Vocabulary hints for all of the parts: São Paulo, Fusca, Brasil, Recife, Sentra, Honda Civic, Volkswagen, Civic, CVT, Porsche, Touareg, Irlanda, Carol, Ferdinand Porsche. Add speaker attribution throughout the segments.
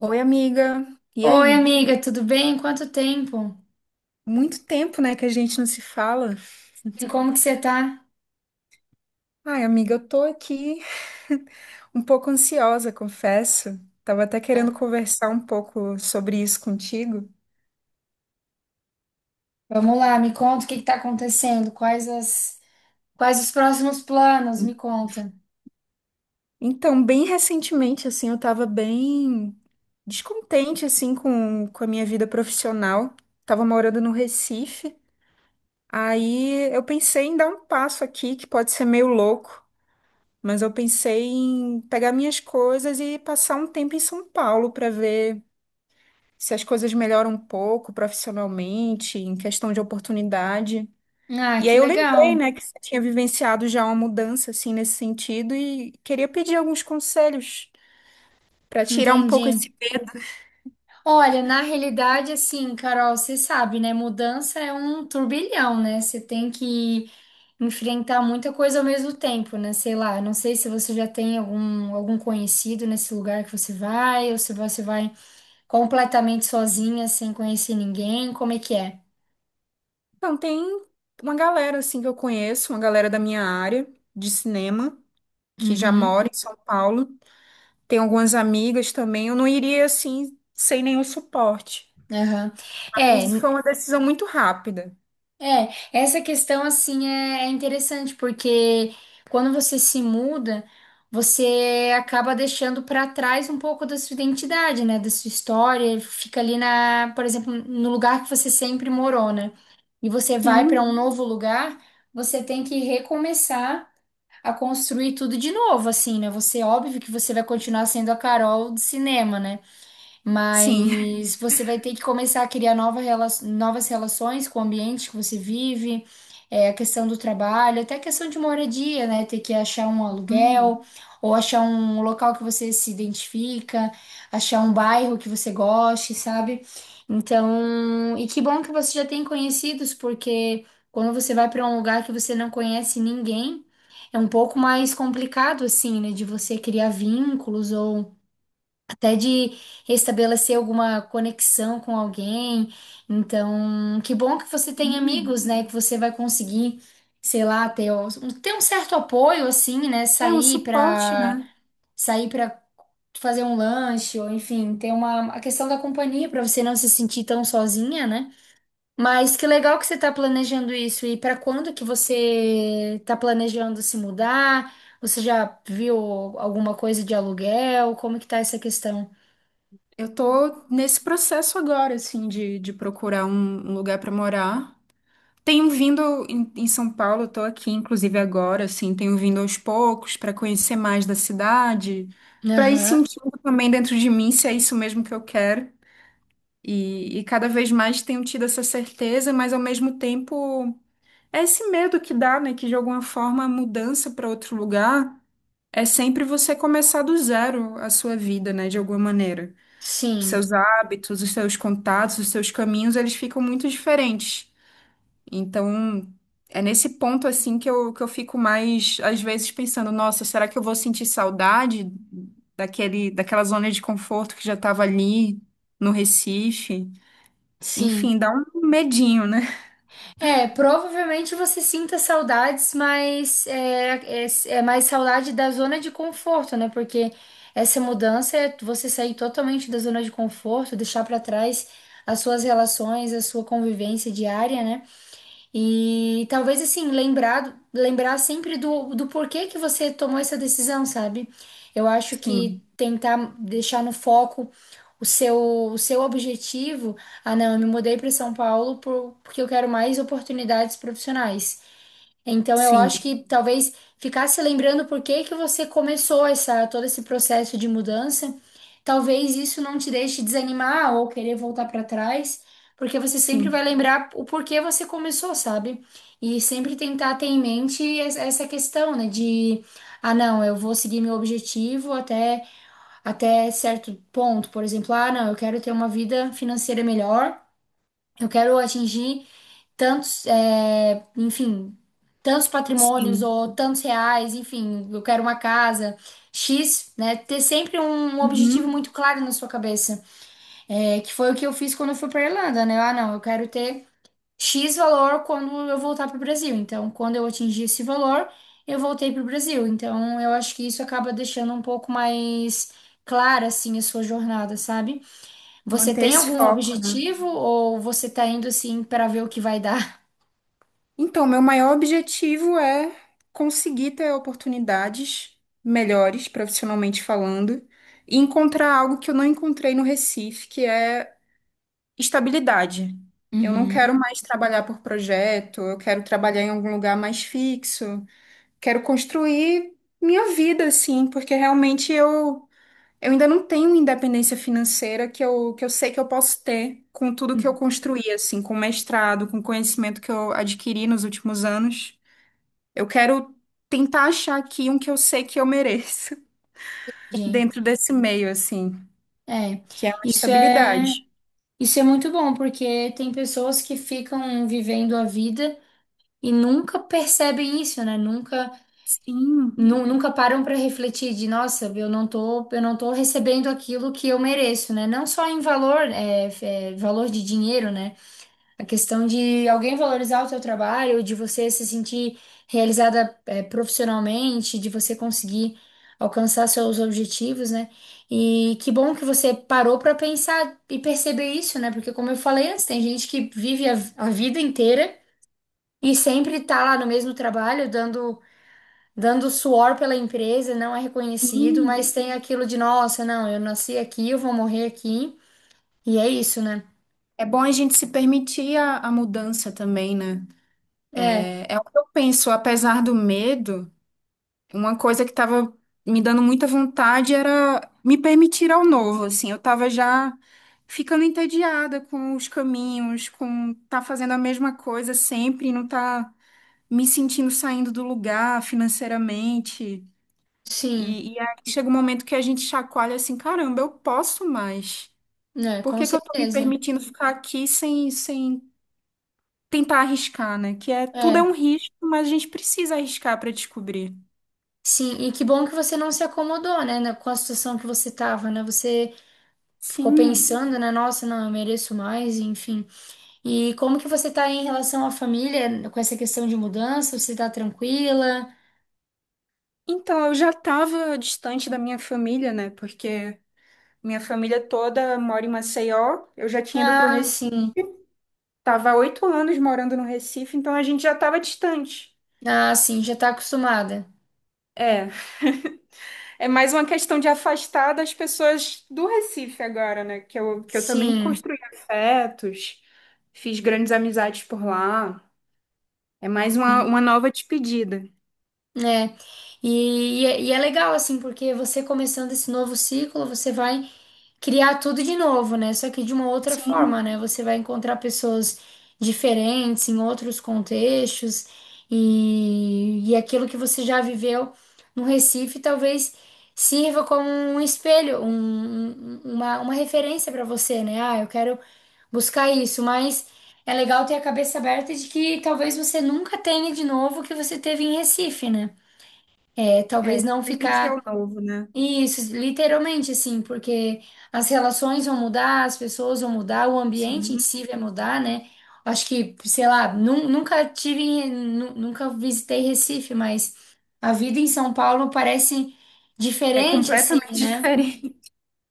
Speaker 1: Oi, amiga. E
Speaker 2: Oi,
Speaker 1: aí?
Speaker 2: amiga, tudo bem? Quanto tempo?
Speaker 1: Muito tempo, né, que a gente não se fala.
Speaker 2: E como que você tá?
Speaker 1: Ai, amiga, eu tô aqui um pouco ansiosa, confesso. Tava até querendo conversar um pouco sobre isso contigo.
Speaker 2: Vamos lá, me conta o que que tá acontecendo, quais os próximos planos, me conta.
Speaker 1: Então, bem recentemente, assim, eu tava bem descontente, assim, com a minha vida profissional. Tava morando no Recife. Aí eu pensei em dar um passo aqui que pode ser meio louco. Mas eu pensei em pegar minhas coisas e passar um tempo em São Paulo para ver se as coisas melhoram um pouco profissionalmente, em questão de oportunidade.
Speaker 2: Ah,
Speaker 1: E
Speaker 2: que
Speaker 1: aí eu lembrei,
Speaker 2: legal.
Speaker 1: né, que você tinha vivenciado já uma mudança assim nesse sentido e queria pedir alguns conselhos para tirar um pouco
Speaker 2: Entendi.
Speaker 1: esse medo.
Speaker 2: Olha, na realidade, assim, Carol, você sabe, né? Mudança é um turbilhão, né? Você tem que enfrentar muita coisa ao mesmo tempo, né? Sei lá, não sei se você já tem algum conhecido nesse lugar que você vai, ou se você vai completamente sozinha, sem conhecer ninguém, como é que é?
Speaker 1: Então, tem uma galera assim que eu conheço, uma galera da minha área de cinema que já
Speaker 2: Uhum,
Speaker 1: mora em São Paulo. Tem algumas amigas também. Eu não iria assim sem nenhum suporte.
Speaker 2: aham. É,
Speaker 1: Mas
Speaker 2: n-
Speaker 1: foi uma decisão muito rápida.
Speaker 2: é, essa questão assim é interessante, porque quando você se muda, você acaba deixando para trás um pouco da sua identidade, né? Da sua história, fica ali na, por exemplo, no lugar que você sempre morou, né? E você vai para
Speaker 1: Sim,
Speaker 2: um novo lugar, você tem que recomeçar a construir tudo de novo, assim, né? Você, óbvio que você vai continuar sendo a Carol do cinema, né?
Speaker 1: sim.
Speaker 2: Mas você vai ter que começar a criar novas relações com o ambiente que você vive, é, a questão do trabalho, até a questão de moradia, né? Ter que achar um
Speaker 1: Hum.
Speaker 2: aluguel, ou achar um local que você se identifica, achar um bairro que você goste, sabe? Então, e que bom que você já tem conhecidos, porque quando você vai para um lugar que você não conhece ninguém, é um pouco mais complicado, assim, né? De você criar vínculos ou até de restabelecer alguma conexão com alguém. Então, que bom que você tem
Speaker 1: Sim.
Speaker 2: amigos, né? Que você vai conseguir, sei lá, ter um certo apoio, assim, né?
Speaker 1: É um suporte, né?
Speaker 2: Sair pra fazer um lanche, ou enfim, a questão da companhia pra você não se sentir tão sozinha, né? Mas que legal que você tá planejando isso. E pra quando que você tá planejando se mudar? Você já viu alguma coisa de aluguel? Como que tá essa questão?
Speaker 1: Eu tô nesse processo agora, assim, de procurar um lugar para morar. Tenho vindo em São Paulo, eu tô aqui, inclusive agora, assim, tenho vindo aos poucos para conhecer mais da cidade, para ir
Speaker 2: Aham.
Speaker 1: sentindo também dentro de mim se é isso mesmo que eu quero. E cada vez mais tenho tido essa certeza, mas ao mesmo tempo. É esse medo que dá, né? Que de alguma forma a mudança para outro lugar é sempre você começar do zero a sua vida, né? De alguma maneira. Os
Speaker 2: Sim,
Speaker 1: seus hábitos, os seus contatos, os seus caminhos, eles ficam muito diferentes. Então, é nesse ponto, assim, que eu fico mais, às vezes, pensando: nossa, será que eu vou sentir saudade daquela zona de conforto que já estava ali no Recife?
Speaker 2: sim.
Speaker 1: Enfim, dá um medinho, né?
Speaker 2: É, provavelmente você sinta saudades, mas é mais saudade da zona de conforto, né? Porque essa mudança é você sair totalmente da zona de conforto, deixar pra trás as suas relações, a sua convivência diária, né? E talvez assim, lembrar sempre do porquê que você tomou essa decisão, sabe? Eu acho que
Speaker 1: Sim,
Speaker 2: tentar deixar no foco o seu, o seu objetivo. Ah, não, eu me mudei para São Paulo porque eu quero mais oportunidades profissionais. Então, eu
Speaker 1: sim,
Speaker 2: acho que talvez ficar se lembrando por que que você começou essa, todo esse processo de mudança, talvez isso não te deixe desanimar ou querer voltar para trás, porque você sempre
Speaker 1: sim,
Speaker 2: vai lembrar o porquê você começou, sabe? E sempre tentar ter em mente essa questão, né, de, ah, não, eu vou seguir meu objetivo até certo ponto, por exemplo, ah, não, eu quero ter uma vida financeira melhor. Eu quero atingir tantos, é, enfim, tantos patrimônios
Speaker 1: sim.
Speaker 2: ou tantos reais, enfim, eu quero uma casa, X, né? Ter sempre um objetivo
Speaker 1: Uhum.
Speaker 2: muito claro na sua cabeça, é, que foi o que eu fiz quando eu fui para Irlanda, né? Ah, não, eu quero ter X valor quando eu voltar para o Brasil. Então, quando eu atingir esse valor, eu voltei para o Brasil. Então, eu acho que isso acaba deixando um pouco mais clara, assim, a sua jornada, sabe? Você
Speaker 1: Manter
Speaker 2: tem
Speaker 1: esse
Speaker 2: algum
Speaker 1: foco, né?
Speaker 2: objetivo ou você tá indo assim para ver o que vai dar?
Speaker 1: Então, meu maior objetivo é conseguir ter oportunidades melhores, profissionalmente falando, e encontrar algo que eu não encontrei no Recife, que é estabilidade. Eu não quero
Speaker 2: Uhum.
Speaker 1: mais trabalhar por projeto, eu quero trabalhar em algum lugar mais fixo, quero construir minha vida, assim, porque realmente eu ainda não tenho independência financeira que eu sei que eu posso ter com tudo que eu construí, assim, com o mestrado, com o conhecimento que eu adquiri nos últimos anos. Eu quero tentar achar aqui um que eu sei que eu mereço
Speaker 2: Entendi.
Speaker 1: dentro desse meio, assim,
Speaker 2: É,
Speaker 1: que é uma
Speaker 2: isso
Speaker 1: estabilidade.
Speaker 2: isso é muito bom, porque tem pessoas que ficam vivendo a vida e nunca percebem isso, né?
Speaker 1: Sim,
Speaker 2: Nunca param para refletir de, nossa, eu não tô recebendo aquilo que eu mereço, né? Não só em valor, valor de dinheiro, né? A questão de alguém valorizar o seu trabalho, de você se sentir realizada, profissionalmente, de você conseguir alcançar seus objetivos, né? E que bom que você parou para pensar e perceber isso, né? Porque, como eu falei antes, tem gente que vive a vida inteira e sempre tá lá no mesmo trabalho, dando suor pela empresa, não é reconhecido, mas
Speaker 1: sim.
Speaker 2: tem aquilo de, nossa, não, eu nasci aqui, eu vou morrer aqui. E é isso, né?
Speaker 1: É bom a gente se permitir a mudança também, né?
Speaker 2: É,
Speaker 1: É, é o que eu penso, apesar do medo. Uma coisa que estava me dando muita vontade era me permitir ao novo, assim. Eu estava já ficando entediada com os caminhos, com tá fazendo a mesma coisa sempre, e não tá me sentindo saindo do lugar financeiramente.
Speaker 2: sim,
Speaker 1: E aí chega um momento que a gente chacoalha assim, caramba, eu posso mais.
Speaker 2: né?
Speaker 1: Por
Speaker 2: Com
Speaker 1: que que eu tô me
Speaker 2: certeza.
Speaker 1: permitindo ficar aqui sem tentar arriscar, né? Que é, tudo é um
Speaker 2: É,
Speaker 1: risco, mas a gente precisa arriscar para descobrir.
Speaker 2: sim, e que bom que você não se acomodou, né, com a situação que você tava, né? Você ficou
Speaker 1: Sim.
Speaker 2: pensando, né, nossa, não, eu mereço mais, enfim. E como que você tá aí em relação à família, com essa questão de mudança? Você tá tranquila?
Speaker 1: Então, eu já estava distante da minha família, né? Porque minha família toda mora em Maceió. Eu já tinha ido para o
Speaker 2: Ah,
Speaker 1: Recife.
Speaker 2: sim.
Speaker 1: Tava há 8 anos morando no Recife, então a gente já estava distante.
Speaker 2: Ah, sim, já tá acostumada.
Speaker 1: É, é mais uma questão de afastar das pessoas do Recife agora, né? Que eu também
Speaker 2: Sim,
Speaker 1: construí afetos, fiz grandes amizades por lá. É mais
Speaker 2: sim,
Speaker 1: uma nova despedida.
Speaker 2: né? E e é legal, assim, porque você começando esse novo ciclo, você vai criar tudo de novo, né? Só que de uma outra forma,
Speaker 1: Sim,
Speaker 2: né? Você vai encontrar pessoas diferentes em outros contextos e aquilo que você já viveu no Recife talvez sirva como um espelho, uma referência para você, né? Ah, eu quero buscar isso, mas é legal ter a cabeça aberta de que talvez você nunca tenha de novo o que você teve em Recife, né? É,
Speaker 1: é,
Speaker 2: talvez não
Speaker 1: permitir ao
Speaker 2: ficar
Speaker 1: novo, né?
Speaker 2: isso, literalmente assim, porque as relações vão mudar, as pessoas vão mudar, o ambiente em
Speaker 1: Sim,
Speaker 2: si vai mudar, né? Acho que, sei lá, nunca tive, nunca visitei Recife, mas a vida em São Paulo parece
Speaker 1: é
Speaker 2: diferente, assim,
Speaker 1: completamente
Speaker 2: né?
Speaker 1: diferente.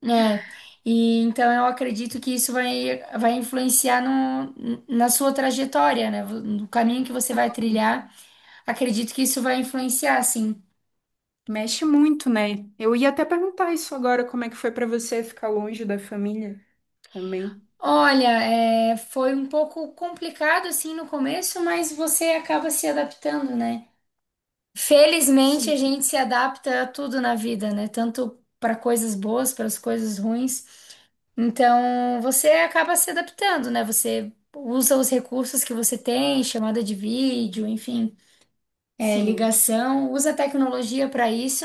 Speaker 2: É, e então eu acredito que isso vai influenciar no, na sua trajetória, né? No caminho que você vai trilhar, acredito que isso vai influenciar, sim.
Speaker 1: Mexe muito, né? Eu ia até perguntar isso agora, como é que foi pra você ficar longe da família também?
Speaker 2: Olha, é, foi um pouco complicado assim no começo, mas você acaba se adaptando, né? Felizmente
Speaker 1: Sim,
Speaker 2: a gente se adapta a tudo na vida, né? Tanto para coisas boas, para as coisas ruins. Então você acaba se adaptando, né? Você usa os recursos que você tem, chamada de vídeo, enfim, é,
Speaker 1: sim.
Speaker 2: ligação, usa a tecnologia para isso.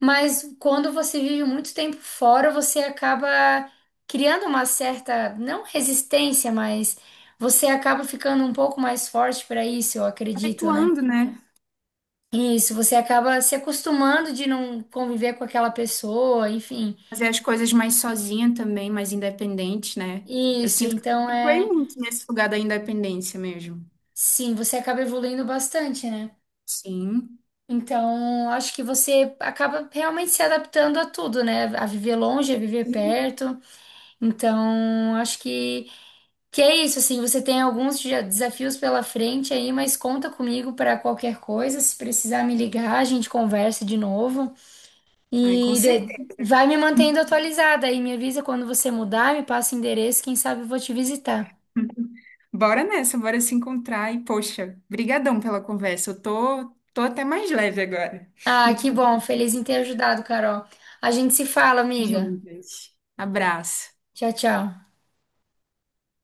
Speaker 2: Mas quando você vive muito tempo fora, você acaba criando uma certa, não resistência, mas você acaba ficando um pouco mais forte para isso, eu acredito, né?
Speaker 1: Habituando, né?
Speaker 2: Isso, você acaba se acostumando de não conviver com aquela pessoa, enfim.
Speaker 1: Fazer as coisas mais sozinha também, mais independente, né? Eu
Speaker 2: Isso,
Speaker 1: sinto que eu
Speaker 2: então
Speaker 1: me habituei
Speaker 2: é,
Speaker 1: muito nesse lugar da independência mesmo.
Speaker 2: sim, você acaba evoluindo bastante, né?
Speaker 1: Sim.
Speaker 2: Então, acho que você acaba realmente se adaptando a tudo, né? A viver longe, a viver
Speaker 1: Sim.
Speaker 2: perto. Então, acho que é isso, assim, você tem desafios pela frente aí, mas conta comigo para qualquer coisa. Se precisar me ligar, a gente conversa de novo.
Speaker 1: Ai, com
Speaker 2: E
Speaker 1: certeza.
Speaker 2: de- vai me mantendo atualizada aí, me avisa quando você mudar, me passa o endereço, quem sabe eu vou te visitar.
Speaker 1: Bora nessa, bora se encontrar. E, poxa, brigadão pela conversa. Eu tô, tô até mais leve agora.
Speaker 2: Ah, que bom, feliz em ter ajudado, Carol. A gente se fala, amiga.
Speaker 1: Juntas. Abraço.
Speaker 2: Tchau, tchau.